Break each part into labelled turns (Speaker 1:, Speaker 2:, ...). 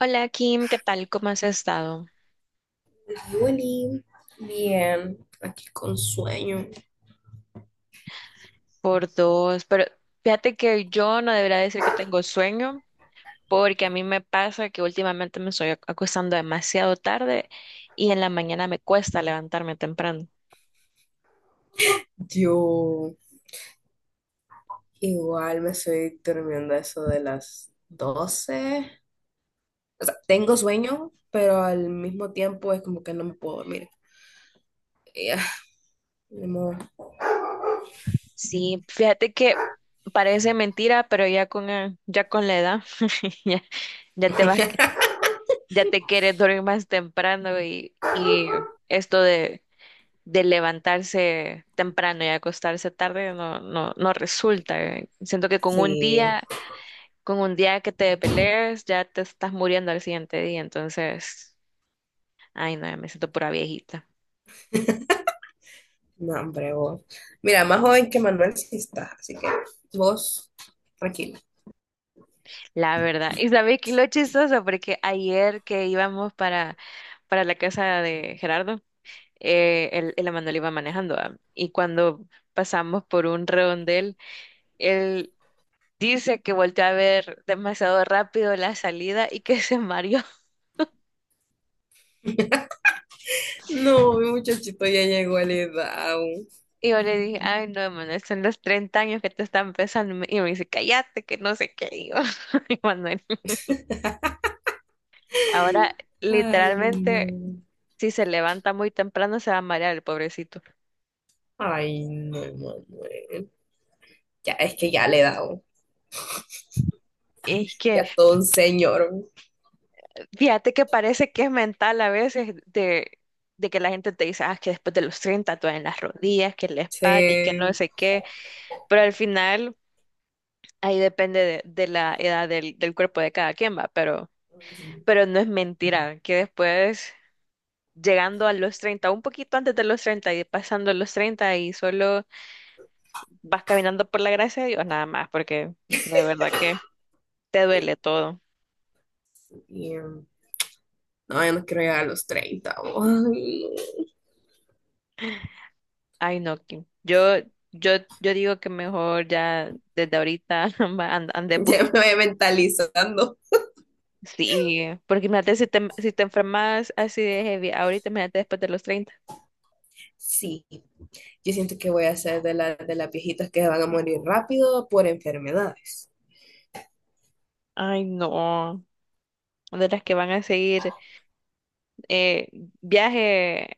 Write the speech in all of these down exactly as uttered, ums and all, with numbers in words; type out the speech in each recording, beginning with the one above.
Speaker 1: Hola Kim, ¿qué tal? ¿Cómo has estado?
Speaker 2: Ay, Oli, bien, aquí con sueño.
Speaker 1: Por dos, pero fíjate que yo no debería decir que tengo sueño, porque a mí me pasa que últimamente me estoy ac- acostando demasiado tarde y en la mañana me cuesta levantarme temprano.
Speaker 2: Yo igual me estoy durmiendo a eso de las doce. O sea, tengo sueño, pero al mismo tiempo es como que no me puedo dormir. ya ni modo.
Speaker 1: Sí, fíjate que parece mentira, pero ya con, eh, ya con la edad ya, ya te vas, ya te quieres dormir más temprano y, y esto de de levantarse temprano y acostarse tarde no, no, no resulta. eh. Siento que con un
Speaker 2: Sí,
Speaker 1: día, con un día que te pelees, ya te estás muriendo al siguiente día. Entonces, ay no, ya me siento pura viejita.
Speaker 2: no, hombre, vos. Mira, más joven que Manuel sí estás, así que vos, tranquila.
Speaker 1: La verdad. Y sabes que lo chistoso, porque ayer que íbamos para, para la casa de Gerardo, eh, el, el Emanuel iba manejando, ah, y cuando pasamos por un redondel, él dice que volteó a ver demasiado rápido la salida y que se mareó.
Speaker 2: No, mi muchachito ya llegó a la edad.
Speaker 1: Y yo le dije: "Ay, no, Manuel, son los treinta años que te están pesando". Y me y me dice: "Cállate", que no sé qué. Y yo, "Ay, Manuel, ahora
Speaker 2: Ay, no.
Speaker 1: literalmente, si se levanta muy temprano, se va a marear el pobrecito".
Speaker 2: Ay, no, Manuel. Ya, es que ya le he dado.
Speaker 1: Y es que,
Speaker 2: ya todo un señor.
Speaker 1: fíjate que parece que es mental a veces de, de que la gente te dice, ah, que después de los treinta te en las rodillas, que la espalda, y que no
Speaker 2: Sí.
Speaker 1: sé qué. Pero al final, ahí depende de, de la edad del, del cuerpo de cada quien, va. Pero, pero no es mentira, que después, llegando a los treinta, un poquito antes de los treinta y pasando los treinta y solo vas caminando por la gracia de Dios nada más, porque de verdad que te duele todo.
Speaker 2: um, No, yo no quiero llegar a los treinta. Ay,
Speaker 1: Ay, no, Kim. Yo, yo, yo digo que mejor ya desde ahorita va, and- ande
Speaker 2: no.
Speaker 1: bus,
Speaker 2: Ya me voy mentalizando.
Speaker 1: Sí, porque imagínate si te, si te enfermas así de heavy, ahorita imagínate después de los treinta.
Speaker 2: Sí, yo siento que voy a ser de, la, de las viejitas que van a morir rápido por enfermedades.
Speaker 1: Ay, no. De las que van a seguir eh, viaje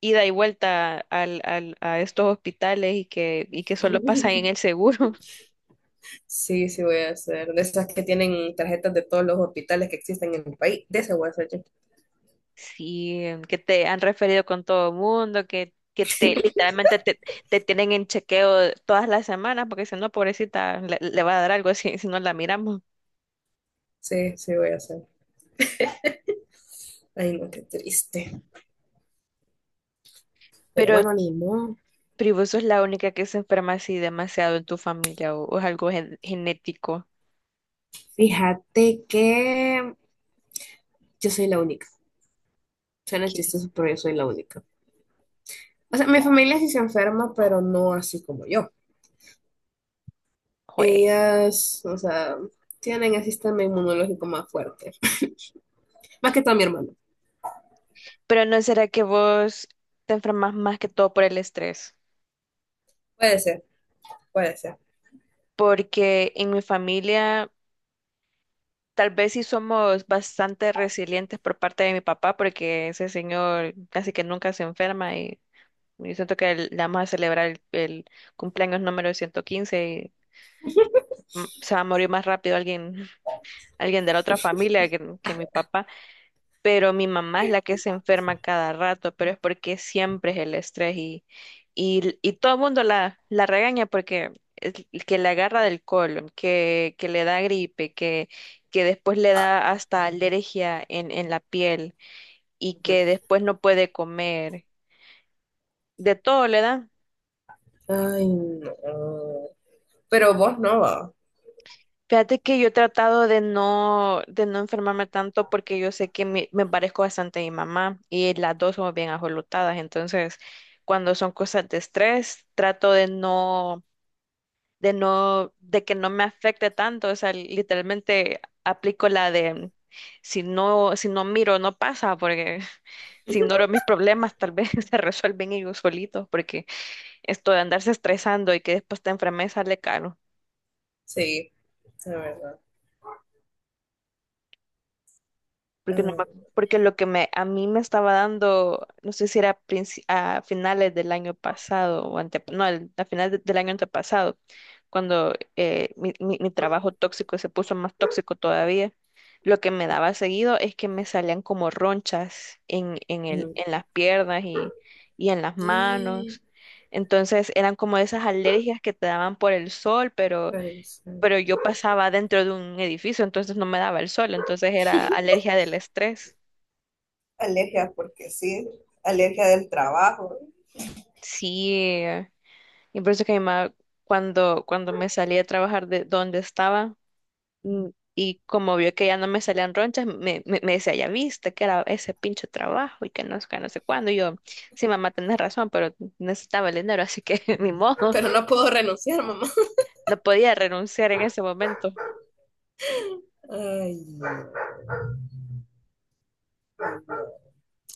Speaker 1: ida y vuelta al, al- a estos hospitales y que, y que solo pasan en el seguro.
Speaker 2: Sí, sí voy a ser. De esas que tienen tarjetas de todos los hospitales que existen en el país. De esas voy a ser yo.
Speaker 1: Sí, em, que te han referido con todo el mundo, que, que te literalmente te, te tienen en chequeo todas las semanas, porque si no, pobrecita, le, le va a dar algo si, si no la miramos.
Speaker 2: Sí, sí voy a ser. Ay, no, qué triste. Pero
Speaker 1: Pero,
Speaker 2: bueno, ni modo.
Speaker 1: pero vos sos la única que se enferma así demasiado en tu familia o, o es algo gen- genético.
Speaker 2: Fíjate que yo soy la única. Suena
Speaker 1: Que,
Speaker 2: chistoso, pero yo soy la única. O sea, mi familia sí se enferma, pero no así como yo.
Speaker 1: jue-
Speaker 2: Ellas, o sea, tienen el sistema inmunológico más fuerte. Más que todo mi hermano.
Speaker 1: Pero no será que vos te enfermas más que todo por el estrés,
Speaker 2: Puede ser, puede ser.
Speaker 1: porque en mi familia tal vez sí somos bastante resilientes por parte de mi papá, porque ese señor casi que nunca se enferma y yo siento que el- le vamos a celebrar el, el cumpleaños número ciento quince y mm, se va a morir más rápido alguien, alguien de la otra familia que, que mi papá. Pero mi mamá es la que se enferma cada rato, pero es porque siempre es el estrés y, y, y todo el mundo la, la regaña porque es el que le agarra del colon, que, que le da gripe, que, que después le da hasta alergia en, en la piel y
Speaker 2: Ujú.
Speaker 1: que después no puede comer, de todo le da.
Speaker 2: Ay, no. Pero vos no, va.
Speaker 1: Fíjate que yo he tratado de no, de no enfermarme tanto porque yo sé que me, me parezco bastante a mi mamá y las dos somos bien ajolotadas. Entonces, cuando son cosas de estrés, trato de no, de no, de que no me afecte tanto. O sea, literalmente aplico la de si no, si no miro, no pasa, porque si ignoro mis problemas, tal vez se resuelven ellos solitos, porque esto de andarse estresando y que después te enfermes sale caro.
Speaker 2: Sí, la verdad.
Speaker 1: Porque no
Speaker 2: Ay,
Speaker 1: me- porque lo que me a mí me estaba dando, no sé si era princi- a finales del año pasado o ante, no, el- a finales de- del año antepasado, cuando eh, mi, mi- mi trabajo tóxico se puso más tóxico todavía. Lo que me daba seguido es que me salían como ronchas en, en
Speaker 2: no.
Speaker 1: el,
Speaker 2: Ujú.
Speaker 1: en las piernas y, y en las
Speaker 2: Eh,
Speaker 1: manos. Entonces eran como esas alergias que te daban por el sol, pero
Speaker 2: Renunciar.
Speaker 1: pero yo pasaba dentro de un edificio, entonces no me daba el sol, entonces era alergia del estrés.
Speaker 2: Alergia porque sí, alergia del trabajo.
Speaker 1: Sí, eh, y por eso que mi mamá, cuando, cuando me salí a trabajar de donde estaba, mm, y como vio que ya no me salían ronchas, me, me, me decía, ya viste que era ese pinche trabajo y que no, sé qué, no sé cuándo. Y yo, sí, mamá, tenés razón, pero necesitaba el dinero, así que ni modo,
Speaker 2: Pero no puedo renunciar, mamá.
Speaker 1: no podía renunciar en ese momento.
Speaker 2: Ay, no.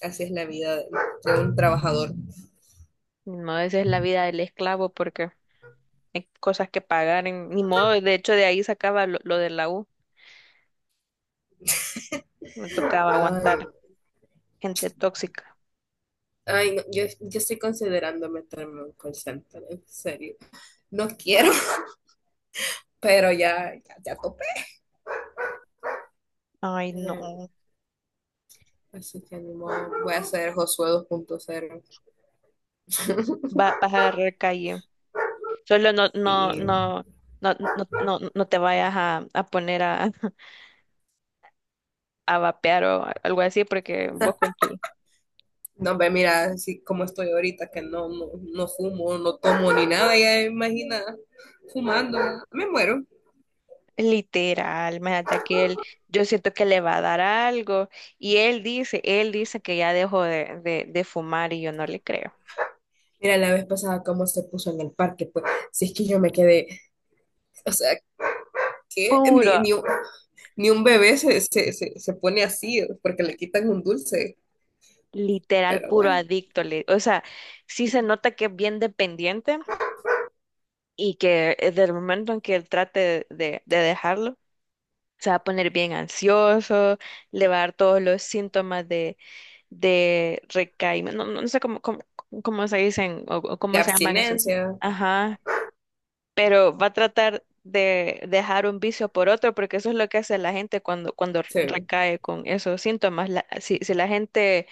Speaker 2: así es la vida de de un trabajador.
Speaker 1: No, esa es la vida del esclavo, porque hay cosas que pagar, en- ni modo, de hecho de ahí sacaba lo, lo de la U, me tocaba
Speaker 2: Ay,
Speaker 1: aguantar gente tóxica.
Speaker 2: Ay, no, yo, yo estoy considerando meterme en un call center, en serio. No quiero, pero ya, ya, ya topé.
Speaker 1: Ay,
Speaker 2: Eh,
Speaker 1: no,
Speaker 2: Así que ni modo, voy a hacer Josué dos punto cero.
Speaker 1: va, vas a agarrar calle. Solo no, no,
Speaker 2: Sí,
Speaker 1: no, no, no, no, no te vayas a, a poner a, a vapear o algo así, porque vos con tu
Speaker 2: no ve, mira, así como estoy ahorita, que no, no, no fumo, no tomo ni nada, ya imagina, fumando, me muero.
Speaker 1: literal, imagínate que él, yo siento que le va a dar algo, y él dice, él dice que ya dejó de, de, de fumar y yo no le creo.
Speaker 2: Mira, la vez pasada cómo se puso en el parque, pues, si es que yo me quedé, o sea, que ni,
Speaker 1: Puro
Speaker 2: ni, un- ni un bebé se, se, se, se pone así, porque le quitan un dulce,
Speaker 1: literal,
Speaker 2: pero
Speaker 1: puro
Speaker 2: bueno.
Speaker 1: adicto. li- O sea, sí se nota que es bien dependiente y que eh, del momento en que él trate de, de dejarlo, se va a poner bien ansioso, le va a dar todos los síntomas de, de recaimiento. No, no sé cómo, cómo, cómo se dicen o, o
Speaker 2: De
Speaker 1: cómo se llaman esos. Sí.
Speaker 2: abstinencia.
Speaker 1: Ajá, pero va a tratar de dejar un vicio por otro, porque eso es lo que hace la gente cuando, cuando
Speaker 2: Sí,
Speaker 1: recae con esos síntomas. La- si, si la gente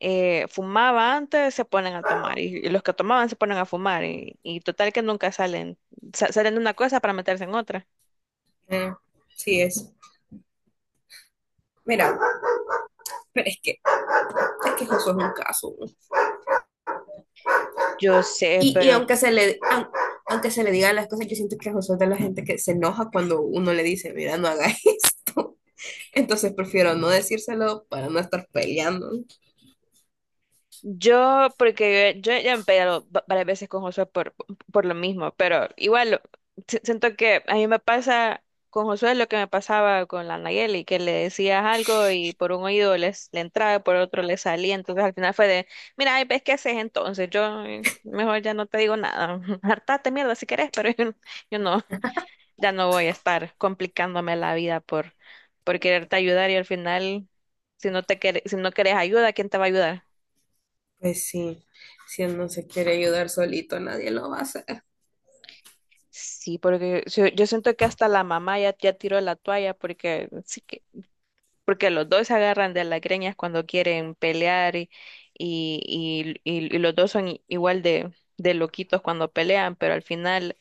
Speaker 1: eh, fumaba antes, se ponen a tomar, y, y los que tomaban se ponen a fumar, y, y total que nunca salen, sa- salen de una cosa para meterse en otra.
Speaker 2: eh, sí es. Mira, pero es que, es que Josué es un caso.
Speaker 1: Yo sé,
Speaker 2: Y, y
Speaker 1: pero
Speaker 2: aunque se le, aun- aunque se le digan las cosas, yo siento que Josué es de la gente que se enoja cuando uno le dice, mira, no haga esto. Entonces prefiero no decírselo para no estar peleando.
Speaker 1: Yo, porque yo, yo ya me he peleado va- varias veces con Josué por, por lo mismo, pero igual si- siento que a mí me pasa con Josué lo que me pasaba con la Nayeli, que le decías algo y por un oído les, le entraba, por otro le salía. Entonces al final fue de: "Mira, ay, ves qué haces entonces, yo, eh, mejor ya no te digo nada, hartate mierda si querés, pero yo, yo no, ya no voy a estar complicándome la vida por, por quererte ayudar y al final, si no te quer- si no querés ayuda, ¿quién te va a ayudar?"
Speaker 2: Pues sí, si él no se quiere ayudar solito, nadie lo va a hacer.
Speaker 1: Sí, porque yo, yo siento que hasta la mamá ya, ya tiró la toalla porque sí que, porque los dos se agarran de las greñas cuando quieren pelear y, y, y, y- y los dos son i- igual de, de loquitos cuando pelean, pero al final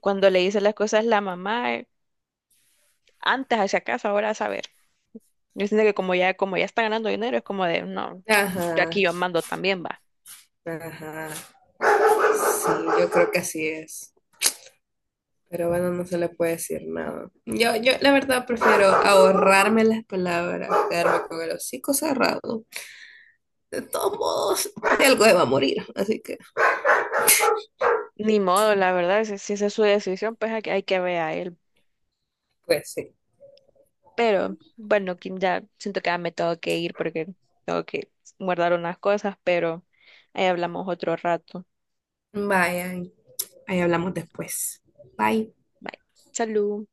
Speaker 1: cuando le dice las cosas la mamá, eh, antes hacia acaso, ahora a saber. Yo siento que como ya, como ya está ganando dinero, es como de no, yo aquí
Speaker 2: Ajá,
Speaker 1: yo mando también va.
Speaker 2: ajá. Sí, yo creo que así es. Pero bueno, no se le puede decir nada. Yo, yo la verdad prefiero ahorrarme las palabras, quedarme con el hocico cerrado. De todos modos, de algo se va a morir, así que
Speaker 1: Ni modo, la verdad, si, si esa es su decisión, pues hay, que- hay que ver a él.
Speaker 2: pues sí.
Speaker 1: Pero bueno, Kim, ya siento que ya me tengo que ir porque tengo que guardar unas cosas, pero ahí hablamos otro rato.
Speaker 2: Vayan, ahí hablamos después. Bye.
Speaker 1: Bye. Salud.